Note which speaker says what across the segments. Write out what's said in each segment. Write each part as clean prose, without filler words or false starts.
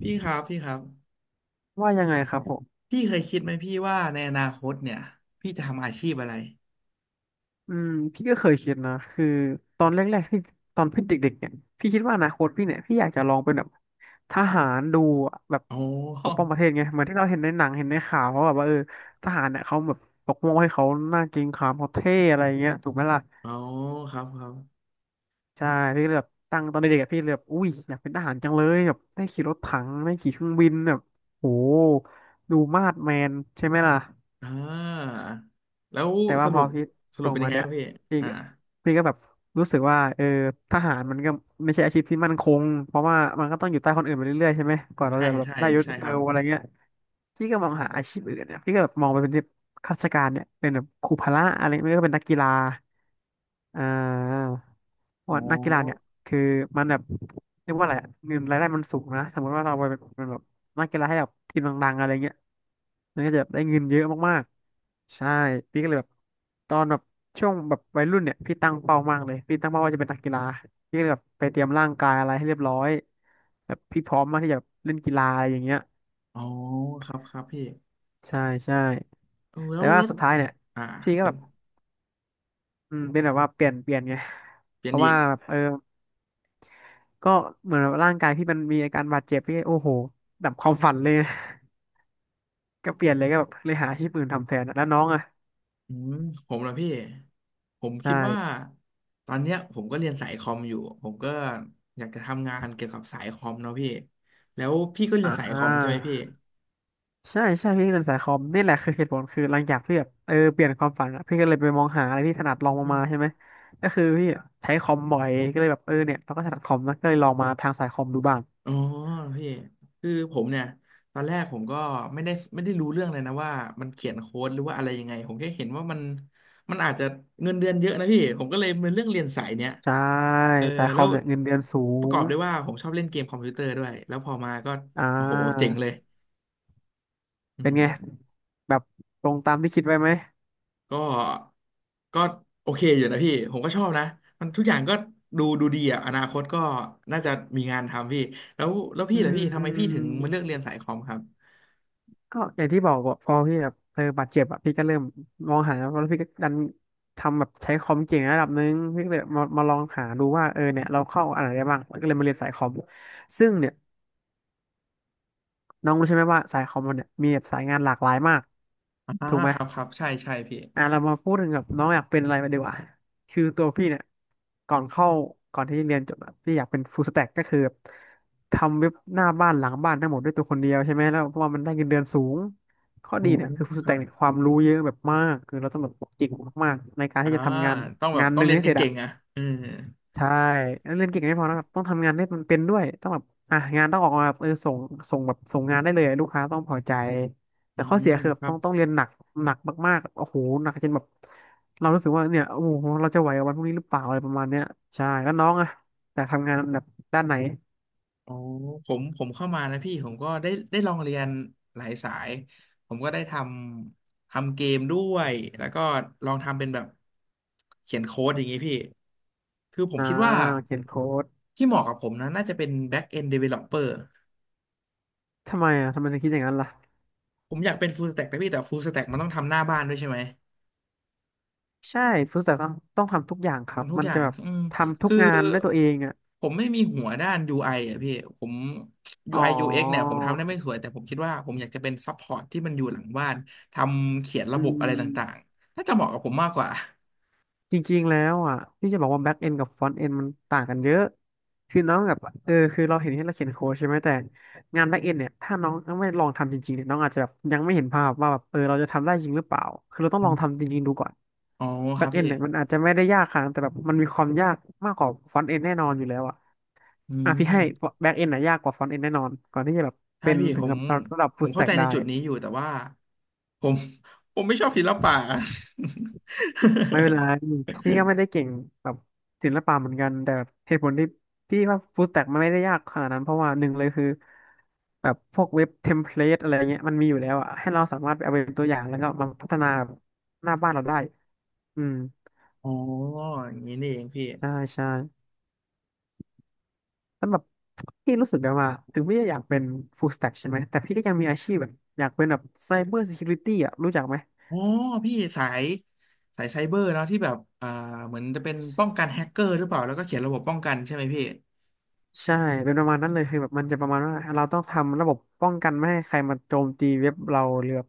Speaker 1: พี่ครับพี่ครับ
Speaker 2: ว่ายังไงครับผม
Speaker 1: พี่เคยคิดไหมพี่ว่าในอนาคตเนี่ยพี่จะทำอาชีพอะไร
Speaker 2: อืมพี่ก็เคยคิดนะคือตอนแรกๆที่ตอนพี่เด็กๆเนี่ยพี่คิดว่าอนาคตพี่เนี่ยพี่อยากจะลองเป็นแบบทหารดูอะแบบ
Speaker 1: โอ
Speaker 2: ปกป้
Speaker 1: ้
Speaker 2: องประเทศไงเหมือนที่เราเห็นในหนังเห็นในข่าวเขาแบบว่าทหารเนี่ยเขาแบบปกป้องให้เขาหน้าเกรงขามเขาเท่อะไรเงี้ยถูกไหมล่ะ
Speaker 1: โอ้ ครับครับ
Speaker 2: ใช่พี่ก็เลยแบบตั้งตอนเด็กๆอะพี่เลยแบบอุ้ยอยากเป็นทหารจังเลยแบบได้ขี่รถถังได้ขี่เครื่องบินแบบโหดูมาดแมนใช่ไหมล่ะ
Speaker 1: อ่าแล้ว
Speaker 2: แต่
Speaker 1: ส
Speaker 2: ว่าพ
Speaker 1: รุ
Speaker 2: อ
Speaker 1: ป
Speaker 2: พี่
Speaker 1: ส
Speaker 2: โต
Speaker 1: รุปเป็นยั
Speaker 2: มา
Speaker 1: งไงค
Speaker 2: เนี่ย
Speaker 1: รับพี่
Speaker 2: พี่
Speaker 1: อ่า
Speaker 2: ก็พี่ก็แบบรู้สึกว่าทหารมันก็ไม่ใช่อาชีพที่มั่นคงเพราะว่ามันก็ต้องอยู่ใต้คนอื่นไปเรื่อยๆใช่ไหมก่อนเรา
Speaker 1: ใช่
Speaker 2: จะแบบ
Speaker 1: ใช่
Speaker 2: ได้ยศ
Speaker 1: ใช่ค
Speaker 2: เติ
Speaker 1: รับ
Speaker 2: บอะไรเงี้ยพี่ก็มองหาอาชีพอื่นเนี่ยพี่ก็แบบมองไปเป็นที่ข้าราชการเนี่ยเป็นแบบครูพละอะไรไม่ก็เป็นนักกีฬา อ่าเพราะ
Speaker 1: อ๋อ
Speaker 2: ว่านักกีฬาเนี่ยคือมันแบบเรียกว่าอะไรอะเงินรายได้มันสูงนะสมมติว่าเราไปเป็นแบบนักกีฬาให้แบบทีมดังๆอะไรเงี้ยมันก็จะแบบได้เงินเยอะมากๆใช่พี่ก็เลยแบบตอนแบบช่วงแบบวัยรุ่นเนี่ยพี่ตั้งเป้ามากเลยพี่ตั้งเป้าว่าจะเป็นนักกีฬาพี่ก็เลยแบบไปเตรียมร่างกายอะไรให้เรียบร้อยแบบพี่พร้อมมากที่จะแบบเล่นกีฬาอะไรอย่างเงี้ย
Speaker 1: อ๋อครับครับพี่
Speaker 2: ใช่ใช่
Speaker 1: เออแล้
Speaker 2: แต่
Speaker 1: วร
Speaker 2: ว่า
Speaker 1: ถ
Speaker 2: สุดท้ายเนี่ย
Speaker 1: อ่า
Speaker 2: พี่ก็
Speaker 1: เป็
Speaker 2: แบ
Speaker 1: น
Speaker 2: บเป็นแบบว่าเปลี่ยนไง
Speaker 1: เปลี่
Speaker 2: เพ
Speaker 1: ยน
Speaker 2: ราะ
Speaker 1: อี
Speaker 2: ว่า
Speaker 1: ก
Speaker 2: แบบก็เหมือนแบบร่างกายพี่มันมีอาการบาดเจ็บพี่โอ้โหดับความฝันเลย ก็เปลี่ยนเลยก็แบบเลยหาอาชีพอื่นทำแทนอะแล้วน้องอ่ะ
Speaker 1: อืมผมละพี่ผม
Speaker 2: ใ
Speaker 1: คิดว่า
Speaker 2: ช่
Speaker 1: ตอนเนี้ยผมก็เรียนสายคอมอยู่ผมก็อยากจะทำงานเกี่ยวกับสายคอมเนาะพี่แล้วพี่ก็เรีย
Speaker 2: อ่
Speaker 1: นสายคอมใช่ไห
Speaker 2: า
Speaker 1: มพี่
Speaker 2: ใช่ใช่พี่เรียนสายคอมนี่แหละคือเหตุผลคือหลังจากพี่แบบเปลี่ยนความฝันอะพี่ก็เลยไปมองหาอะไรที่ถนัด
Speaker 1: อื
Speaker 2: ลองลง
Speaker 1: ม
Speaker 2: มาใช่ไหมก็คือพี่ใช้คอมบ่อยก็เลยแบบเนี่ยเราก็ถนัดคอมนะก็เลยลองมาทางสายคอมดูบ้าง
Speaker 1: อ๋อพี่คือผมเนี่ยตอนแรกผมก็ไม่ได้รู้เรื่องเลยนะว่ามันเขียนโค้ดหรือว่าอะไรยังไงผมแค่เห็นว่ามันอาจจะเงินเดือนเยอะนะพี่ผมก็เลยเป็นเรื่องเรียนสายเนี้ย
Speaker 2: ใช่
Speaker 1: เออ
Speaker 2: สายค
Speaker 1: แล้
Speaker 2: อม
Speaker 1: ว
Speaker 2: เนี่ยเงินเดือนสู
Speaker 1: ประก
Speaker 2: ง
Speaker 1: อบด้วยว่าผมชอบเล่นเกมคอมพิวเตอร์ด้วยแล้วพอมาก็
Speaker 2: อ่
Speaker 1: โอ้โหเจ๋ง
Speaker 2: า
Speaker 1: เลยอื
Speaker 2: เป็น
Speaker 1: ม
Speaker 2: ไงแบบตรงตามที่คิดไว้ไหม
Speaker 1: ก็ก็โอเคอยู่นะพี่ผมก็ชอบนะมันทุกอย่างก็ดูดูดีอ่ะอนาคตก็น่าจะมีงานทำพี่แล้วแล้ว
Speaker 2: อื
Speaker 1: พี่ล่ะพี่ทำไมพี่ถึงมาเลือก
Speaker 2: ม
Speaker 1: เรียนสายคอมครับ
Speaker 2: ก็อย่างที่บอกอะพอพี่แบบบาดเจ็บอะพี่ก็เริ่มมองหาแล้วพี่ก็ดันทำแบบใช้คอมเก่งระดับหนึงพี่ก็เลยมาลองหาดูว่าเนี่ยเราเข้าอะไรได้บ้างก็เลยมาเรียนสายคอมซึ่งเนี่ยน้องรู้ใช่ไหมว่าสายคอมมันเนี่ยมีแบบสายงานหลากหลายมาก
Speaker 1: อ่า
Speaker 2: ถูกไหม
Speaker 1: ครับครับใช่ใช่พี่
Speaker 2: อ่ะเรามาพูดถึงแบบน้องอยากเป็นอะไรมาดีกว่าคือตัวพี่เนี่ยก่อนเข้าก่อนที่เรียนจบอะพี่อยากเป็นฟู l สแต็กก็คือแบบทำเว็บหน้าบ้านหลังบ้านทั้งหมดด้วยตัวคนเดียวใช่ไหมแล้วเพราะว่ามันได้เงินเดือนสูงข้อ
Speaker 1: โอ
Speaker 2: ดี
Speaker 1: ม
Speaker 2: เนี่ยคือฟู l ส
Speaker 1: ค
Speaker 2: แต็
Speaker 1: รั
Speaker 2: ก
Speaker 1: บ
Speaker 2: เนี่ยความรู้เยอะแบบมากคือเราต้องแบบเกิงมากๆในการ
Speaker 1: อ่า
Speaker 2: ที่จะทำงาน
Speaker 1: ต้องแบบ
Speaker 2: งาน
Speaker 1: ต้
Speaker 2: ห
Speaker 1: อง
Speaker 2: นึ่ง
Speaker 1: เรียน
Speaker 2: ให้เสร็จ
Speaker 1: เก่
Speaker 2: อะ
Speaker 1: งๆอ่ะเออ
Speaker 2: ใช่แล้วเรียนเก่งไม่พอนะครับต้องทำงานให้มันเป็นด้วยต้องแบบอ่ะงานต้องออกมาแบบส่งแบบส่งงานได้เลยลูกค้าต้องพอใจ
Speaker 1: อื
Speaker 2: แต่ข้อ
Speaker 1: ม
Speaker 2: เสียคือแบ
Speaker 1: ค
Speaker 2: บ
Speaker 1: รั
Speaker 2: ต้อ
Speaker 1: บ
Speaker 2: งต้องเรียนหนักหนักมากๆโอ้โหหนักจนแบบเรารู้สึกว่าเนี่ยโอ้โหเราจะไหวกับวันพรุ่งนี้หรือเปล่าอะไรประมาณเนี้ยใช่แล้วน้องอะแต่ทำงานแบบด้านไหน
Speaker 1: อ๋อผมผมเข้ามานะพี่ผมก็ได้ได้ลองเรียนหลายสายผมก็ได้ทำทำเกมด้วยแล้วก็ลองทำเป็นแบบเขียนโค้ดอย่างงี้พี่คือผม
Speaker 2: อ่า
Speaker 1: คิดว่า
Speaker 2: เขียนโค้ด
Speaker 1: ที่เหมาะกับผมนะน่าจะเป็น back end developer
Speaker 2: ทำไมอ่ะทำไมถึงคิดอย่างนั้นล่ะ
Speaker 1: ผมอยากเป็น full stack นะพี่แต่ full stack มันต้องทำหน้าบ้านด้วยใช่ไหม
Speaker 2: ใช่ฟู้สแต็กต้องทำทุกอย่างครับ
Speaker 1: ทำทุก
Speaker 2: มัน
Speaker 1: อย่าง
Speaker 2: จะแบบ
Speaker 1: อืม
Speaker 2: ทำทุก
Speaker 1: คือ
Speaker 2: งานด้วยตัวเองอ่ะ
Speaker 1: ผมไม่มีหัวด้าน UI ออ่ะพี่ผม
Speaker 2: อ๋อ
Speaker 1: UI UX เอ็กซ์เนี่ยผมทำได้ไม่สวยแต่ผมคิดว่าผมอยากจะเป็นซัพพอร์ตที่มันอยู่หลังบ้านทำเขียนระ
Speaker 2: อื
Speaker 1: บบอะไรต่าง
Speaker 2: ม
Speaker 1: ๆน่าจะเหมาะกับผมมากกว่า
Speaker 2: จริงๆแล้วอ่ะที่จะบอกว่าแบ็กเอนกับฟ r อนต์เอนมันต่างกันเยอะคือน้องกับคือเราเห็นที่เราเขียนโค้ดใช่ไหมแต่งานแบ็กเอนเนี่ยถ้าน้องไม่ลองทำจริงๆเนี่ยน้องอาจจะแบบยังไม่เห็นภาพว่าแบบเราจะทำได้จริงหรือเปล่าคือเราต้อง
Speaker 1: อ
Speaker 2: ลอง
Speaker 1: ม
Speaker 2: ทำจริงๆดูก่อน
Speaker 1: อ๋อค
Speaker 2: แบ็
Speaker 1: รั
Speaker 2: ก
Speaker 1: บ
Speaker 2: เอน
Speaker 1: พี่
Speaker 2: เนี่ยมันอาจจะไม่ได้ยากขนาดนั้นแต่แบบมันมีความยากมากกว่าฟอนต์เอนแน่นอนอยู่แล้วอ่ะ
Speaker 1: อื
Speaker 2: อ่ะพี่
Speaker 1: ม
Speaker 2: ให้แบ็กเอนน่ะยากกว่าฟรอนต์เอนแน่นอนก่อนที่จะแบบ
Speaker 1: ใช่
Speaker 2: เป็น
Speaker 1: พี่
Speaker 2: ถึ
Speaker 1: ผ
Speaker 2: ง
Speaker 1: ม
Speaker 2: กับระดับ
Speaker 1: ผ
Speaker 2: ฟูล
Speaker 1: ม
Speaker 2: ส
Speaker 1: เข้า
Speaker 2: แต็
Speaker 1: ใจ
Speaker 2: ก
Speaker 1: ใน
Speaker 2: ได้
Speaker 1: จุดนี้อยู่แต่ว่าผมผมไม่ชอบศิลปะ
Speaker 2: ไม่เป็นไรพี่ก็ไม่ได้เก่งแบบศิลปะเหมือนกันแต่เหตุผลที่พี่ว่าฟู l ส t ต็กมันไม่ได้ยากขนาดนั้นเพราะว่าหนึ่งเลยคือแบบพวกเว็บเทมเพลตอะไรเงี้ยมันมีอยู่แล้วอะให้เราสามารถไปเอาเป็นตัวอย่างแล้วก็มาพัฒนาหน้าบ้านเราได้อืม
Speaker 1: อ๋ออย่างนี้นี่เองพี่
Speaker 2: ใช่ใช่แล้วแบบพี่รู้สึกได้ว่าถึงพี่จะอยากเป็นฟู l ส t ต็กใช่ไหมแต่พี่ก็ยังมีอาชีพแบบอยากเป็นแบบไซเบอร์ซิเคียวริตี้อะรู้จักไหม
Speaker 1: อ๋อพี่สายสายไซเบอร์เนาะที่แบบเหมือนจะเป็นป้องกันแฮกเกอร์หรือเปล่าแล้วก็เขียนระบบป้องกันใช่ไหมพี่
Speaker 2: ใช่เป็นประมาณนั้นเลยคือแบบมันจะประมาณว่าเราต้องทำระบบป้องกันไม่ให้ใครมาโจมตีเว็บเราหรือแบบ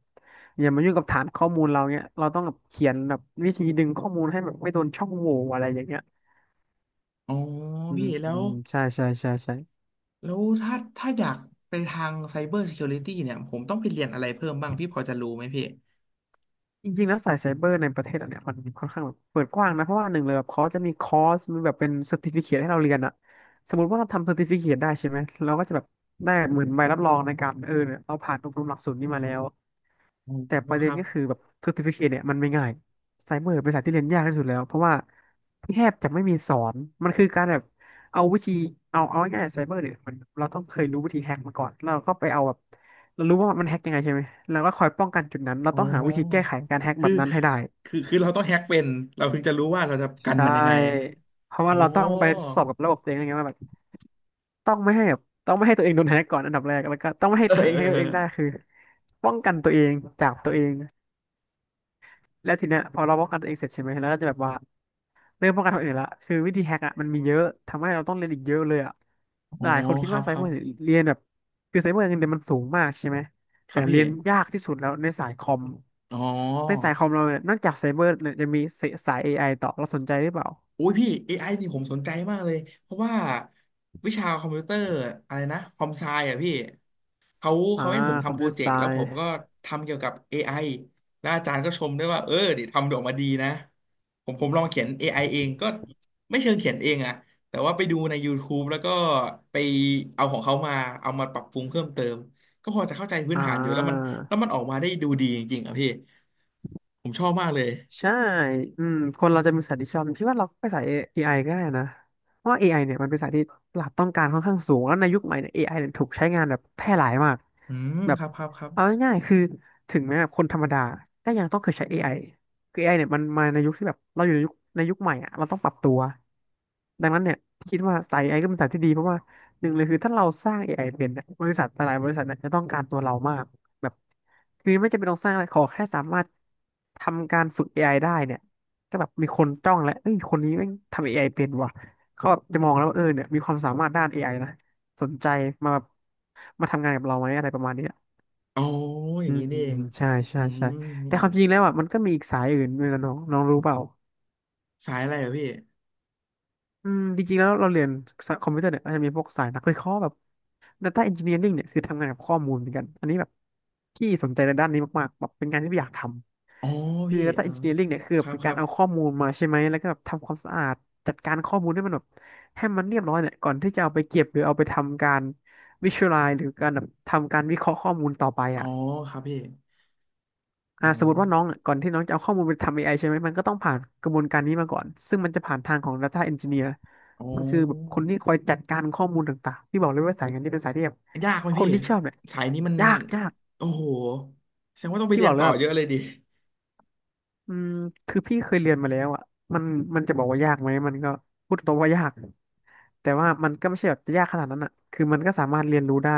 Speaker 2: อย่ามายุ่งกับฐานข้อมูลเราเนี้ยเราต้องแบบเขียนแบบวิธีดึงข้อมูลให้แบบไม่โดนช่องโหว่อะไรอย่างเงี้ย
Speaker 1: อ๋อ
Speaker 2: อืม
Speaker 1: พี่แล้
Speaker 2: อื
Speaker 1: ว
Speaker 2: มใช่
Speaker 1: แล้วถ้าถ้าอยากไปทางไซเบอร์ซิเคียวริตี้เนี่ยผมต้องไปเรียนอะไรเพิ่มบ้างพี่พอจะรู้ไหมพี่
Speaker 2: จริงๆแล้วสายไซเบอร์ในประเทศเราเนี่ยมันค่อนข้างแบบเปิดกว้างนะเพราะว่าหนึ่งเลยแบบเขาจะมีคอร์สมีแบบเป็นเซอร์ติฟิเคทให้เราเรียนอะสมมติว่าเราทำเซอร์ติฟิเคทได้ใช่ไหมเราก็จะแบบได้เหมือนใบรับรองในการเนี่ยเราผ่านอบรมหลักสูตรนี้มาแล้ว
Speaker 1: อ๋
Speaker 2: แต่ป
Speaker 1: อ
Speaker 2: ระ
Speaker 1: ค
Speaker 2: เด็น
Speaker 1: รับ
Speaker 2: ก็คือแบบ certificate เนี่ยมันไม่ง่ายไซเบอร์เป็นสายที่เรียนยากที่สุดแล้วเพราะว่าแทบจะไม่มีสอนมันคือการแบบเอาวิธีเอาง่ายๆไซเบอร์เนี่ยมันเราต้องเคยรู้วิธีแฮกมาก่อนแล้วเราก็ไปเอาแบบเรารู้ว่ามันแฮกยังไงใช่ไหมเราก็คอยป้องกันจุดนั้นเรา
Speaker 1: อ๋
Speaker 2: ต้องหาวิธีแก้ไข
Speaker 1: อ
Speaker 2: การแฮกแบ
Speaker 1: คือ
Speaker 2: บนั้นให้ได้
Speaker 1: คือคือเราต้องแฮกเป็นเราถึงจะรู้ว่าเราจะกั
Speaker 2: ใช
Speaker 1: นมันยังไง
Speaker 2: ่เพราะ
Speaker 1: โอ้
Speaker 2: ว่าเราต้องไปสอบกับระบบตัวเองนะไงว่าแบบต้องไม่ให้แบบต้องไม่ให้ตัวเองโดนแฮกก่อนอันดับแรกแล้วก็ต้องไม่ให้
Speaker 1: เอ
Speaker 2: ตัวเองได้
Speaker 1: อ
Speaker 2: คือป้องกันตัวเองจากตัวเองแล้วทีเนี้ยพอเราป้องกันตัวเองเสร็จใช่ไหมแล้วก็จะแบบว่า เรื่องป้องกันคนอื่นละคือวิธีแฮกอ่ะมันมีเยอะ ทำให้เราต้องเรียนอีกเยอะเลยอ่ะ
Speaker 1: โอ้
Speaker 2: หลายคนคิด
Speaker 1: ครั
Speaker 2: ว่า
Speaker 1: บ
Speaker 2: ไซ
Speaker 1: ครั
Speaker 2: เบอ
Speaker 1: บ
Speaker 2: ร์เรียนแบบคือไซเบอร์เงินเดือนมันสูงมากใช่ไหม
Speaker 1: ค
Speaker 2: แต่
Speaker 1: รับพี่
Speaker 2: เรียนยากที่สุดแล้วในสายคอม
Speaker 1: อ๋
Speaker 2: ใน
Speaker 1: อ
Speaker 2: สายคอมเราเนี่ยนอกจากไซเบอร์เนี่ยจะมีสาย AI ต่อเราสนใจหรือเปล่า
Speaker 1: โอ้ยพี่ AI นี่ผมสนใจมากเลยเพราะว่าวิชาคอมพิวเตอร์อะไรนะคอมไซอ่ะพี่เขา
Speaker 2: อ่า
Speaker 1: เขาให้ผม
Speaker 2: คอม
Speaker 1: ทำโป
Speaker 2: พิว
Speaker 1: ร
Speaker 2: เตอร์
Speaker 1: เจ
Speaker 2: ไซ
Speaker 1: กต์แล้วผมก็ทำเกี่ยวกับ AI แล้วอาจารย์ก็ชมด้วยว่าเออเดี๋ยวทำออกมาดีนะผมผมลองเขียน AI เองก็ไม่เชิงเขียนเองอะแต่ว่าไปดูใน YouTube แล้วก็ไปเอาของเขามาเอามาปรับปรุงเพิ่มเติมก็พอจะเข้าใจพื้น
Speaker 2: อ่
Speaker 1: ฐานอยู่แล้วมันแล้ว
Speaker 2: า
Speaker 1: มันออกมาได้ดูดีจริงๆอ่ะพี่ผมชอบมากเลย
Speaker 2: ใช่ อืมคนเราจะมีสัตที่ชอบพี่ว่าเราไปสายเอไอก็ได้นะเพราะว่า AI เนี่ยมันเป็นสายที่ตลาดต้องการค่อนข้างสูงแล้วในยุคใหม่เนี่ยเอไอเนี่ยถูกใช้งานแบบแพร่หลายมาก
Speaker 1: อืม
Speaker 2: แบ
Speaker 1: ค
Speaker 2: บ
Speaker 1: รับครับครับ
Speaker 2: เอาง่ายๆคือถึงแม้แบบคนธรรมดาก็ยังต้องเคยใช้ AI คือเอไ i เนี่ยมันมาในยุคที่แบบเราอยู่ในยุคใหม่อะเราต้องปรับตัวดังนั้นเนี่ยพี่คิดว่าสาย a อไอก็เป็นสายที่ดีเพราะว่าหนึ่งเลยคือถ้าเราสร้าง AI เป็นเนี่ยบริษัทหลายๆบริษัทเนี่ยจะต้องการตัวเรามาก แบบคือไม่จำเป็นต้องสร้างอะไรขอแค่สามารถทำการฝึก AIได้เนี่ยก็แบบมีคนจ้องแล้วเอ้ยคนนี้แม่งทำ AI เป็นว่ะเขาแบบจะมองแล้วว่าเออเนี่ยมีความสามารถด้าน AI นะสนใจมาแบบมาทำงานกับเราไหมอะไรประมาณเนี้ย
Speaker 1: อ๋ออย่า
Speaker 2: อื
Speaker 1: งนี้
Speaker 2: ม
Speaker 1: นี่เอง
Speaker 2: ใช่
Speaker 1: อื
Speaker 2: แต่ความ
Speaker 1: ม
Speaker 2: จริงแล้วอ่ะมันก็มีอีกสายอื่นด้วยนะน้องน้องรู้เปล่า
Speaker 1: สายอะไรอะพี่
Speaker 2: อืมจริงๆแล้วเราเรียนคอมพิวเตอร์เนี่ยอาจจะมีพวกสายนักวิเคราะห์แบบ Data Engineering เนี่ยคือทำงานกับข้อมูลเหมือนกันอันนี้แบบที่สนใจในด้านนี้มากๆแบบเป็นงานที่อยากท
Speaker 1: อ๋อ
Speaker 2: ำคือ
Speaker 1: พี่
Speaker 2: Data
Speaker 1: เออ
Speaker 2: Engineering เนี่ยคือ
Speaker 1: ค
Speaker 2: แบบ
Speaker 1: รับ
Speaker 2: เป็น
Speaker 1: ค
Speaker 2: กา
Speaker 1: รั
Speaker 2: ร
Speaker 1: บ
Speaker 2: เอาข้อมูลมาใช่ไหมแล้วก็แบบทำความสะอาดจัดการข้อมูลให้มันแบบให้มันเรียบร้อยเนี่ยก่อนที่จะเอาไปเก็บหรือเอาไปทำการ Visualize หรือการแบบทำการวิเคราะห์ข้อมูลต่อไป
Speaker 1: อ๋อ
Speaker 2: อ่ะ
Speaker 1: ครับพี่อ๋อ
Speaker 2: สมมติว่าน้องเนี่ยก่อนที่น้องจะเอาข้อมูลไปทำ AI ใช่ไหมมันก็ต้องผ่านกระบวนการนี้มาก่อนซึ่งมันจะผ่านทางของ Data Engineer
Speaker 1: อ
Speaker 2: มันคือแบบค
Speaker 1: ๋
Speaker 2: นที่คอยจัดการข้อมูลต่างๆที่บอกเลยว่าสายงานนี้เป็นสายที่แบบ
Speaker 1: อยากไหม
Speaker 2: ค
Speaker 1: พี่
Speaker 2: นที่ชอบเนี่ย
Speaker 1: สายนี้มัน
Speaker 2: ยาก
Speaker 1: โอ้โหแสดงว่าต้องไป
Speaker 2: ที่
Speaker 1: เรี
Speaker 2: บ
Speaker 1: ย
Speaker 2: อ
Speaker 1: น
Speaker 2: กเล
Speaker 1: ต่
Speaker 2: ย
Speaker 1: อ
Speaker 2: แบบ
Speaker 1: เยอะเลยดิ
Speaker 2: อืมคือพี่เคยเรียนมาแล้วอ่ะมันมันจะบอกว่ายากไหมมันก็พูดตรงว่ายากแต่ว่ามันก็ไม่ใช่แบบจะยากขนาดนั้นอ่ะคือมันก็สามารถเรียนรู้ได้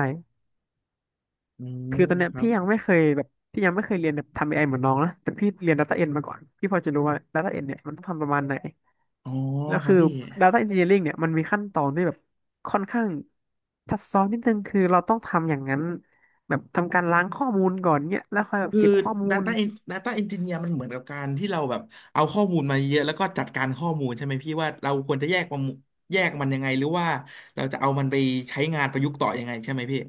Speaker 1: อืม
Speaker 2: คือตอนเนี้
Speaker 1: ค
Speaker 2: ย
Speaker 1: รับ
Speaker 2: พี่ยังไม่เคยแบบพี่ยังไม่เคยเรียนแบบทำเอไอเหมือนน้องนะแต่พี่เรียน Data End มาก่อนพี่พอจะรู้ว่า Data End เนี่ยมันต้องทำประมาณไหน
Speaker 1: อ๋อ
Speaker 2: แล้ว
Speaker 1: ครับ
Speaker 2: คือ
Speaker 1: พี่
Speaker 2: Data Engineering เนี่ยมันมีขั้นตอนที่แบบค่อนข้างซับซ้อนนิดนึงคือเราต้องทำอย่างนั้นแบบทำการล้างข้อมูลก่อนเนี่ยแล้วค่อยแบบ
Speaker 1: คือ
Speaker 2: เก็บข้อมูล
Speaker 1: Data En- Data Engineer มันเหมือนกับการที่เราแบบเอาข้อมูลมาเยอะแล้วก็จัดการข้อมูลใช่ไหมพี่ว่าเราควรจะแยกมันแยกมันยังไงหรือว่าเราจะเอามันไปใช้งานประยุกต์ต่อยังไงใช่ไหมพี่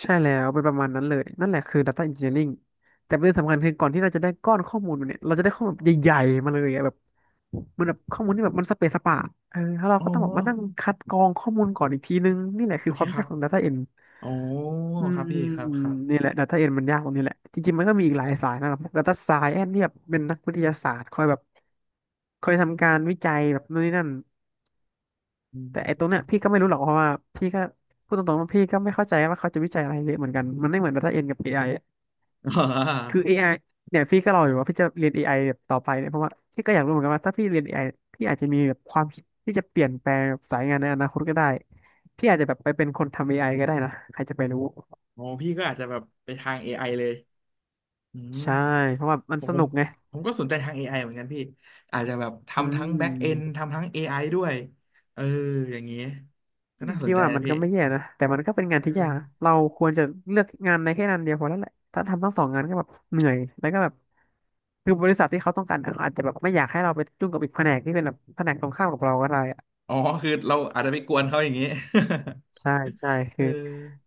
Speaker 2: ใช่แล้วเป็นประมาณนั้นเลยนั่นแหละคือ Data Engineering แต่ประเด็นสำคัญคือก่อนที่เราจะได้ก้อนข้อมูลมาเนี่ยเราจะได้ข้อมูลแบบใหญ่ๆมาเลยอะแบบมันแบบข้อมูลที่แบบมันสเปซสปะแล้วเรา
Speaker 1: อ๋อ
Speaker 2: ก็ต้องแบบมานั่งคัดกรองข้อมูลก่อนอีกทีนึงนี่แหละ
Speaker 1: โอ
Speaker 2: คือ
Speaker 1: เค
Speaker 2: ความ
Speaker 1: ครั
Speaker 2: ยาก
Speaker 1: บ
Speaker 2: ของ Data End
Speaker 1: อ๋อ
Speaker 2: อื
Speaker 1: ค
Speaker 2: ม
Speaker 1: รับพี่ครับครับ
Speaker 2: นี่แหละ Data End มันยากตรงนี้แหละจริงๆมันก็มีอีกหลายสายนะครับ Data Science ที่แบบเป็นนักวิทยาศาสตร์คอยแบบคอยทำการวิจัยแบบนู่นนี่นั่น
Speaker 1: อื
Speaker 2: แต่ไอ้
Speaker 1: ม
Speaker 2: ตรงเนี้ยพี่ก็ไม่รู้หรอกเพราะว่าพี่ก็พูดตรงๆว่าพี่ก็ไม่เข้าใจว่าเขาจะวิจัยอะไรเยอะเหมือนกันมันไม่เหมือน Data Science กับ AI อะ
Speaker 1: อ่
Speaker 2: คือ
Speaker 1: า
Speaker 2: AI เนี่ยพี่ก็รออยู่ว่าพี่จะเรียนเอไอแบบต่อไปเนี่ยเพราะว่าพี่ก็อยากรู้เหมือนกันว่าถ้าพี่เรียนเอไอพี่อาจจะมีแบบความคิดที่จะเปลี่ยนแปลงสายงานในอนาคตก็ได้พี่อาจจะแบบไปเป็นคนทำเอไอก็ได้นะใครจะไปรู้
Speaker 1: อ๋อพี่ก็อาจจะแบบไปทาง AI เลยอืม
Speaker 2: ใช่เพราะว่ามั
Speaker 1: ผ
Speaker 2: น
Speaker 1: ม
Speaker 2: ส
Speaker 1: ผม
Speaker 2: นุกไง
Speaker 1: ก็สนใจทาง AI เหมือนกันพี่ อาจจะแบบ
Speaker 2: อื
Speaker 1: ทำทั้ง back end
Speaker 2: ม
Speaker 1: ทำทั้ง AI ด้วยเอออย่างนี้ก็น่าส
Speaker 2: พี่
Speaker 1: นใจ
Speaker 2: ว่า
Speaker 1: นะ
Speaker 2: มัน
Speaker 1: พี่
Speaker 2: ก็ไม่แย่นะแต่มันก็เป็นงาน
Speaker 1: เออ
Speaker 2: ที่ยากนะเราควรจะเลือกงานในแค่งานเดียวพอแล้วแหละถ้าทำทั้งสองงานก็แบบเหนื่อยแล้วก็แบบ คือบริษัทที่เขาต้องการอะเขาอาจจะแบบไม่อยากให้เราไปยุ่งกับอีกแผนกที่เป็นแบบแผนกตรงข้ามกับเราก็ได้อะ
Speaker 1: อ๋อ คือเราอาจจะไปกวนเขาอย่างนี้
Speaker 2: ใช่ ใช่
Speaker 1: เอ
Speaker 2: คื
Speaker 1: อ
Speaker 2: อ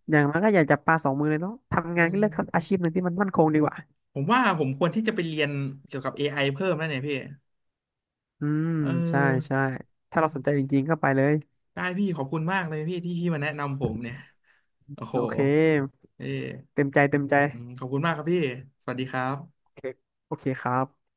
Speaker 2: อย่างนั้นก็อย่าจับปลาสองมือเลยเนาะทำ
Speaker 1: อื
Speaker 2: งานก็เลือก
Speaker 1: ม
Speaker 2: อาชีพหนึ่งที่มันมั่นคงดีกว่า
Speaker 1: ผมว่าผมควรที่จะไปเรียนเกี่ยวกับ AI เพิ่มแล้วเนี่ยพี่
Speaker 2: อืม
Speaker 1: เออ
Speaker 2: ใช่ใช่ถ้าเราสนใจจริงๆก็ไปเลย
Speaker 1: ได้พี่ขอบคุณมากเลยพี่ที่พี่มาแนะนำผมเนี่ย โอ้โห
Speaker 2: โอเค
Speaker 1: เออ
Speaker 2: เต็มใจเต็มใจ
Speaker 1: อืมขอบคุณมากครับพี่ สวัสดีครั
Speaker 2: โอ
Speaker 1: บ
Speaker 2: เคโอเคครับ